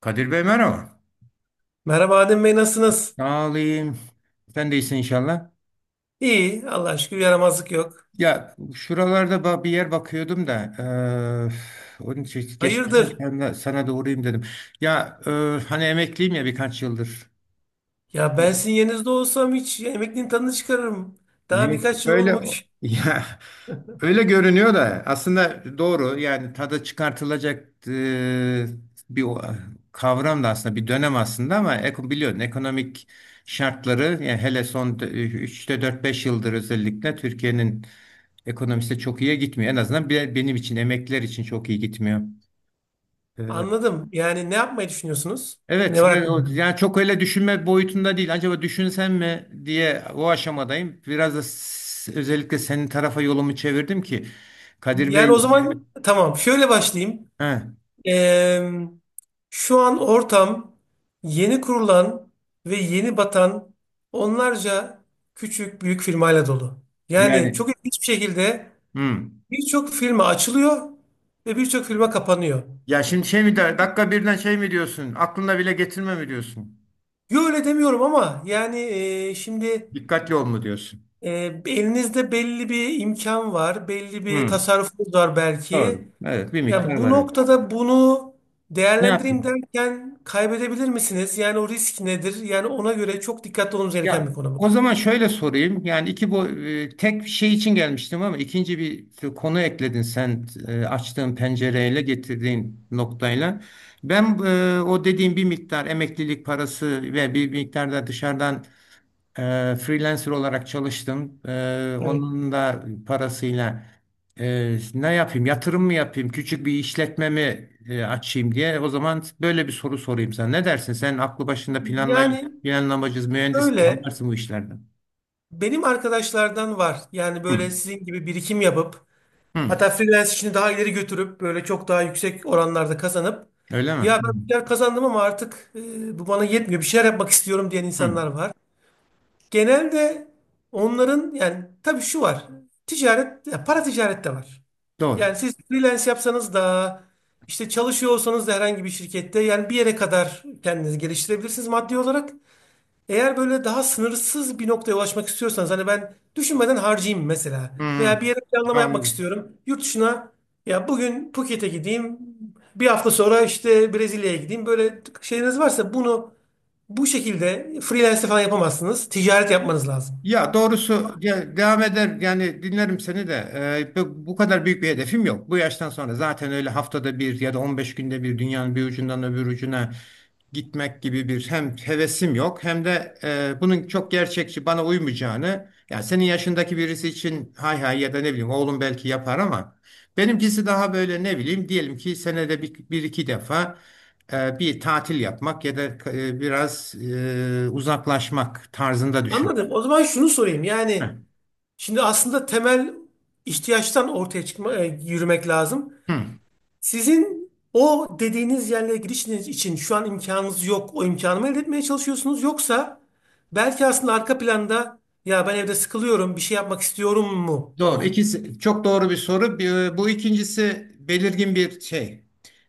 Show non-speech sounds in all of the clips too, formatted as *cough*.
Kadir Bey, merhaba. Merhaba Adem Bey, nasılsınız? Sağ olayım. Sen de iyisin inşallah. İyi, Allah'a şükür yaramazlık yok. Ya şuralarda bir yer bakıyordum da, onun için geçen Hayırdır? sana da uğrayayım dedim. Ya hani emekliyim ya, birkaç yıldır. Ya ben sizin yerinizde olsam hiç emekliliğin tadını çıkarırım. Daha Yok birkaç yıl öyle olmuş. *laughs* ya, öyle görünüyor da aslında doğru. Yani tadı çıkartılacak bir kavram da aslında bir dönem aslında, ama biliyorsun ekonomik şartları. Yani hele son üçte dört beş yıldır özellikle Türkiye'nin ekonomisi çok iyiye gitmiyor. En azından benim için, emekliler için çok iyi gitmiyor. Anladım. Yani ne yapmayı düşünüyorsunuz? Ne Evet, var ben aklınızda? yani çok öyle düşünme boyutunda değil. Acaba düşünsem mi diye, o aşamadayım. Biraz da özellikle senin tarafa yolumu çevirdim ki, Kadir Yani Bey. o zaman tamam, şöyle başlayayım. He. Ee, Şu an ortam yeni kurulan ve yeni batan onlarca küçük büyük firmayla dolu. Yani Yani. çok ilginç bir şekilde Hmm. birçok firma açılıyor ve birçok firma kapanıyor. Ya şimdi şey mi der, dakika birden şey mi diyorsun? Aklına bile getirme mi diyorsun? Yo, öyle demiyorum ama yani şimdi Dikkatli ol mu diyorsun? e, elinizde belli bir imkan var, belli bir Hmm. tasarrufunuz var Doğru. belki. Evet, bir Ya miktar bu var. noktada bunu Ne değerlendireyim yapayım? derken kaybedebilir misiniz? Yani o risk nedir? Yani ona göre çok dikkatli olmamız gereken bir Ya konu bu. o zaman şöyle sorayım. Yani iki bu tek şey için gelmiştim, ama ikinci bir konu ekledin sen, açtığın pencereyle, getirdiğin noktayla. Ben, o dediğim, bir miktar emeklilik parası ve bir miktar da dışarıdan, freelancer olarak çalıştım, Evet. onun da parasıyla. Ne yapayım? Yatırım mı yapayım? Küçük bir işletme mi açayım diye. O zaman böyle bir soru sorayım sana. Ne dersin? Sen aklı başında, Yani planlamacı, mühendis, öyle anlarsın bu işlerden. benim arkadaşlardan var. Yani Hı, böyle sizin gibi birikim yapıp hı. hatta freelance işini daha ileri götürüp böyle çok daha yüksek oranlarda kazanıp Öyle mi? ya ben bir şeyler kazandım ama artık bu bana yetmiyor, bir şeyler yapmak istiyorum diyen Hı, hı. insanlar var. Genelde onların yani tabii şu var, ticaret ya para ticaret de var. Doğru. Yani siz freelance yapsanız da işte çalışıyor olsanız da herhangi bir şirkette yani bir yere kadar kendinizi geliştirebilirsiniz maddi olarak. Eğer böyle daha sınırsız bir noktaya ulaşmak istiyorsanız hani ben düşünmeden harcayayım mesela Hı, veya bir yere planlama yapmak anladım. istiyorum. Yurt dışına, ya bugün Phuket'e gideyim, bir hafta sonra işte Brezilya'ya gideyim böyle şeyiniz varsa bunu bu şekilde freelance falan yapamazsınız. Ticaret yapmanız lazım. Ya doğrusu ya, devam eder, yani dinlerim seni de. Bu kadar büyük bir hedefim yok. Bu yaştan sonra zaten öyle haftada bir ya da 15 günde bir dünyanın bir ucundan öbür ucuna gitmek gibi bir hem hevesim yok, hem de bunun çok gerçekçi bana uymayacağını, yani senin yaşındaki birisi için hay hay ya da ne bileyim oğlum belki yapar, ama benimkisi daha böyle, ne bileyim, diyelim ki senede bir, bir iki defa bir tatil yapmak ya da biraz uzaklaşmak tarzında düşün. Anladım. O zaman şunu sorayım yani şimdi aslında temel ihtiyaçtan ortaya çıkma, yürümek lazım. Hı, Sizin o dediğiniz yerlere girişiniz için şu an imkanınız yok. O imkanı mı elde etmeye çalışıyorsunuz? Yoksa belki aslında arka planda ya ben evde sıkılıyorum, bir şey yapmak istiyorum mu doğru. olay? İkisi çok doğru bir soru. Bu ikincisi belirgin bir şey.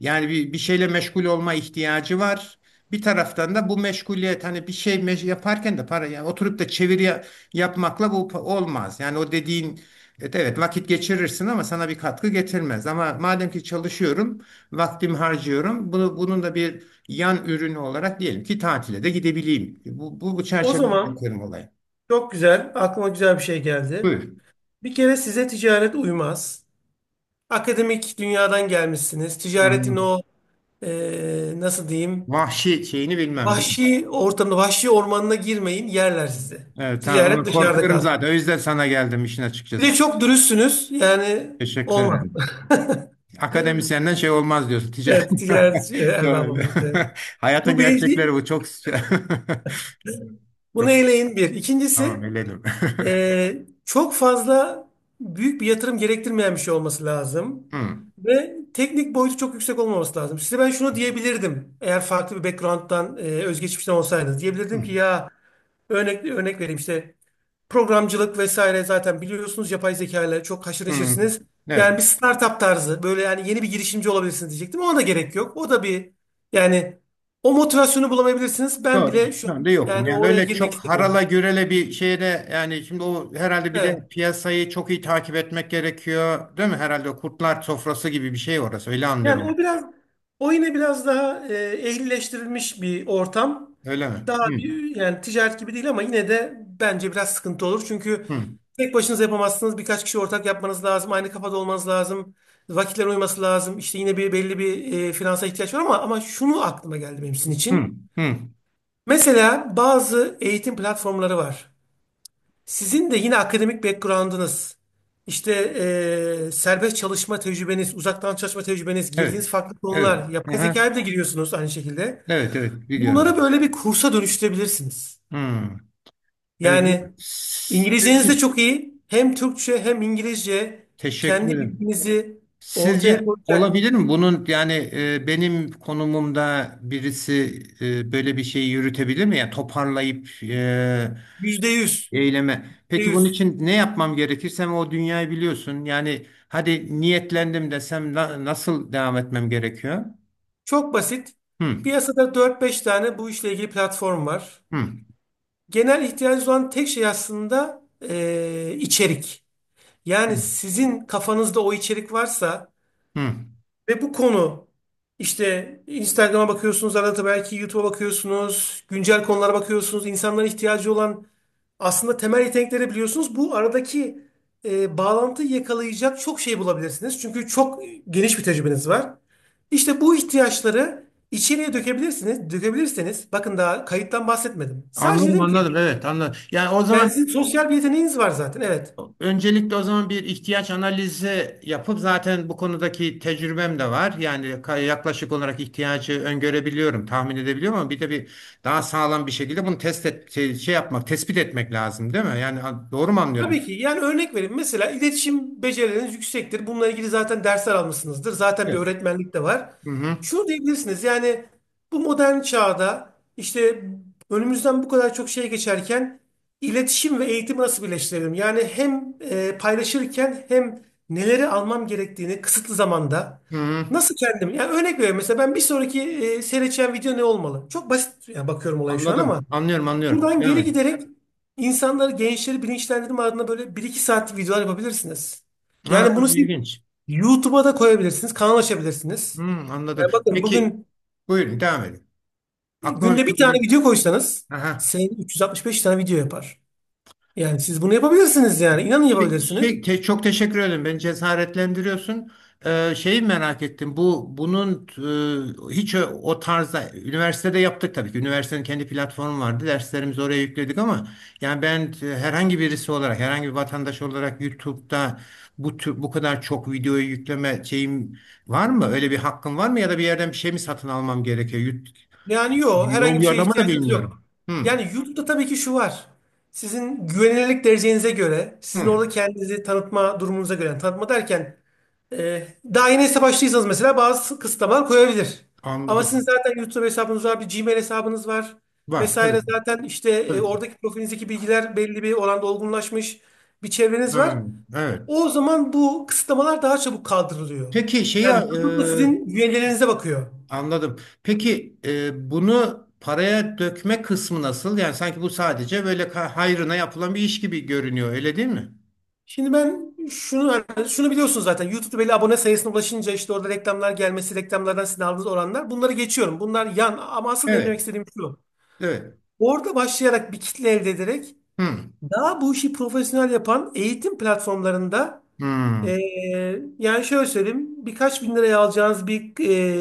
Yani bir şeyle meşgul olma ihtiyacı var. Bir taraftan da bu meşguliyet, hani bir şey yaparken de para. Yani oturup da çeviri yapmakla bu olmaz. Yani o dediğin, evet evet, vakit geçirirsin ama sana bir katkı getirmez. Ama madem ki çalışıyorum, vaktimi harcıyorum. Bunun da bir yan ürünü olarak diyelim ki tatile de gidebileyim. Bu O çerçevede zaman bakıyorum olaya. çok güzel, aklıma güzel bir şey geldi. Buyur. Bir kere size ticaret uymaz. Akademik dünyadan gelmişsiniz. Ticaretin Hı. o nasıl diyeyim, Vahşi şeyini bilmem, değil mi? vahşi ortamına, vahşi ormanına girmeyin, yerler sizi. Evet, tamam. Ondan Ticaret dışarıda korkuyorum zaten. kalsın. O yüzden sana geldim işin Bir de açıkçası. çok dürüstsünüz. Yani Teşekkür olmaz. ederim. Akademisyenden şey olmaz diyorsun. Ticaret. Evet, ticaret *laughs* erbabı Şöyle. olmak. Evet. *laughs* Hayatın Bu birinci, gerçekleri bu. Çok *laughs* bunu çok, eleyin bir. tamam, İkincisi, eledim. *laughs* Çok fazla büyük bir yatırım gerektirmeyen bir şey olması lazım. Hmm. Ve teknik boyutu çok yüksek olmaması lazım. Size ben şunu diyebilirdim. Eğer farklı bir background'dan, özgeçmişten olsaydınız. Diyebilirdim ki Hmm. ya örnek vereyim işte. Programcılık vesaire, zaten biliyorsunuz, yapay zeka ile çok haşır Hmm. neşirsiniz. Evet. Yani bir startup tarzı böyle yani yeni bir girişimci olabilirsiniz diyecektim. Ona da gerek yok. O da bir yani o motivasyonu bulamayabilirsiniz. Ben Doğru. bile şu Şu an anda yokum. yani Yani oraya öyle girmek çok istemiyorum. harala gürele bir şeyde, yani şimdi o herhalde bir de Evet. piyasayı çok iyi takip etmek gerekiyor, değil mi? Herhalde o kurtlar sofrası gibi bir şey orası. Öyle Yani anlıyorum. o biraz o yine biraz daha ehlileştirilmiş bir ortam. Öyle mi? Daha Hmm. bir yani ticaret gibi değil ama yine de bence biraz sıkıntı olur. Çünkü Hmm. tek başınıza yapamazsınız. Birkaç kişi ortak yapmanız lazım. Aynı kafada olmanız lazım. Vakitler uyması lazım. İşte yine bir belli bir finansa ihtiyaç var ama şunu aklıma geldi benim sizin Hı, için. hı. Mesela bazı eğitim platformları var. Sizin de yine akademik background'ınız, işte serbest çalışma tecrübeniz, uzaktan çalışma tecrübeniz, Evet. girdiğiniz farklı Evet. konular, yapay Aha. zekaya da giriyorsunuz aynı şekilde. Evet, evet. Biliyorum. Bunları böyle bir kursa dönüştürebilirsiniz. Hı. Evet. Yani Sizce, İngilizceniz de çok iyi. Hem Türkçe hem İngilizce teşekkür kendi ederim. bilginizi ortaya Sizce koyacak. olabilir mi? Bunun, yani benim konumumda birisi, böyle bir şeyi yürütebilir mi? Yani toparlayıp Yüzde yüz. eyleme. Yüzde Peki bunun yüz. için ne yapmam gerekir? Sen o dünyayı biliyorsun. Yani hadi niyetlendim desem, nasıl devam etmem gerekiyor? Çok basit. Hı, Piyasada dört beş tane bu işle ilgili platform var. hı, Genel ihtiyacı olan tek şey aslında içerik. Yani sizin kafanızda o içerik varsa hı. ve bu konu işte Instagram'a bakıyorsunuz, arada belki YouTube'a bakıyorsunuz, güncel konulara bakıyorsunuz, insanların ihtiyacı olan aslında temel yetenekleri biliyorsunuz. Bu aradaki bağlantıyı yakalayacak çok şey bulabilirsiniz. Çünkü çok geniş bir tecrübeniz var. İşte bu ihtiyaçları içeriye dökebilirsiniz. Dökebilirseniz bakın, daha kayıttan bahsetmedim. Sadece Anladım, dedim ki anladım, evet, anladım. Yani o yani zaman, sizin sosyal bir yeteneğiniz var zaten, evet. öncelikle o zaman bir ihtiyaç analizi yapıp, zaten bu konudaki tecrübem de var. Yani yaklaşık olarak ihtiyacı öngörebiliyorum, tahmin edebiliyorum, ama bir de bir daha sağlam bir şekilde bunu test et, yapmak, tespit etmek lazım, değil mi? Yani doğru mu anlıyorum? Tabii ki. Yani örnek vereyim. Mesela iletişim becerileriniz yüksektir. Bununla ilgili zaten dersler almışsınızdır. Zaten bir Evet. öğretmenlik de var. Hı, hı. Şunu diyebilirsiniz. Yani bu modern çağda işte önümüzden bu kadar çok şey geçerken iletişim ve eğitimi nasıl birleştirelim? Yani hem paylaşırken hem neleri almam gerektiğini kısıtlı zamanda Hı, hı. nasıl kendim? Yani örnek veriyorum. Mesela ben bir sonraki seyredeceğim video ne olmalı? Çok basit yani, bakıyorum olaya şu an ama Anladım. Anlıyorum, anlıyorum. buradan Devam geri edin. giderek insanları, gençleri bilinçlendirme adına böyle bir iki saatlik videolar yapabilirsiniz. Aa, Yani bunu çok siz ilginç. YouTube'a da koyabilirsiniz, kanal Hı, açabilirsiniz. anladım. Yani bakın, Peki, bugün buyurun, devam edin. Aklıma bir günde şey bir tane geliyor. video koysanız Aha. senin 365 tane video yapar. Yani siz bunu yapabilirsiniz yani. İnanın yapabilirsiniz. Çok teşekkür ederim. Beni cesaretlendiriyorsun. Şeyi merak ettim. Bunun hiç o tarzda üniversitede yaptık tabii ki. Üniversitenin kendi platformu vardı. Derslerimizi oraya yükledik, ama yani ben, herhangi birisi olarak, herhangi bir vatandaş olarak YouTube'da bu tür, bu kadar çok videoyu yükleme şeyim var mı? Öyle bir hakkım var mı, ya da bir yerden bir şey mi satın almam gerekiyor? Yani yok, herhangi Yol bir şeye yordamı da ihtiyacınız bilmiyorum. yok. Hı, Yani YouTube'da tabii ki şu var. Sizin güvenilirlik derecenize göre, sizin hı. orada kendinizi tanıtma durumunuza göre, yani tanıtma derken Ee, daha yeni hesap açtıysanız mesela bazı kısıtlamalar koyabilir. Ama sizin Anladım. zaten YouTube hesabınız var, bir Gmail hesabınız var Var tabii vesaire. ki. Zaten işte Tabii ki. oradaki profilinizdeki bilgiler belli bir oranda olgunlaşmış bir çevreniz Hı, var. evet. O zaman bu kısıtlamalar daha çabuk kaldırılıyor. Peki şeyi, Yani YouTube da sizin üyelerinize bakıyor. anladım. Peki, bunu paraya dökme kısmı nasıl? Yani sanki bu sadece böyle hayrına yapılan bir iş gibi görünüyor, öyle değil mi? Şimdi ben şunu yani şunu biliyorsunuz zaten. YouTube'da belli abone sayısına ulaşınca işte orada reklamlar gelmesi, reklamlardan sizin aldığınız oranlar. Bunları geçiyorum. Bunlar yan ama asıl benim Evet, demek istediğim şu. evet. Orada başlayarak bir kitle elde ederek Hı, daha bu işi profesyonel yapan eğitim platformlarında hı, e, yani şöyle söyleyeyim, birkaç bin liraya alacağınız bir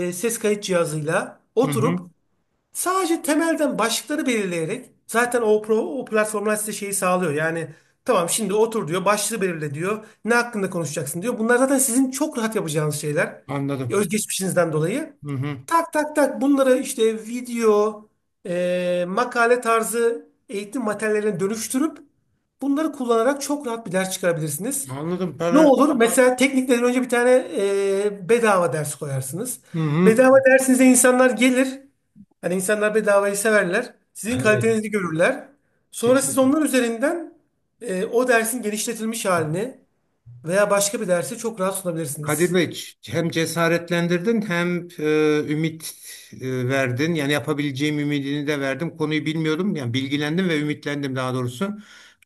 ses kayıt cihazıyla hı, hı. oturup sadece temelden başlıkları belirleyerek zaten o, pro, o platformlar size şeyi sağlıyor. Yani tamam, şimdi otur diyor, başlığı belirle diyor, ne hakkında konuşacaksın diyor. Bunlar zaten sizin çok rahat yapacağınız şeyler. Anladım. Özgeçmişinizden dolayı. Hı, hı. Tak tak tak, bunları işte video, makale tarzı eğitim materyallerine dönüştürüp bunları kullanarak çok rahat bir ders çıkarabilirsiniz. Anladım, Ne para. olur? Mesela teknikten önce bir tane bedava ders koyarsınız. Hı, hı. Bedava dersinize insanlar gelir. Hani insanlar bedavayı severler. Sizin Evet. kalitenizi görürler. Sonra siz Teşekkür. onlar üzerinden o dersin genişletilmiş halini veya başka bir dersi çok rahat Kadir sunabilirsiniz. Bey, hem cesaretlendirdin hem ümit verdin. Yani yapabileceğim ümidini de verdim. Konuyu bilmiyordum. Yani bilgilendim ve ümitlendim, daha doğrusu.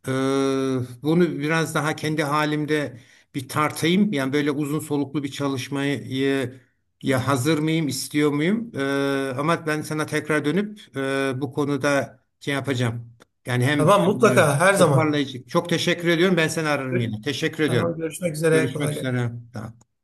E, Bunu biraz daha kendi halimde bir tartayım. Yani böyle uzun soluklu bir çalışmayı ya hazır mıyım, istiyor muyum? Ama ben sana tekrar dönüp bu konuda şey yapacağım. Yani hem Tamam, e, mutlaka her zaman. toparlayıcı. Çok teşekkür ediyorum. Ben seni ararım yine. Teşekkür ediyorum. Tamam, görüşmek üzere, Görüşmek kolay gelsin. üzere. Tamam.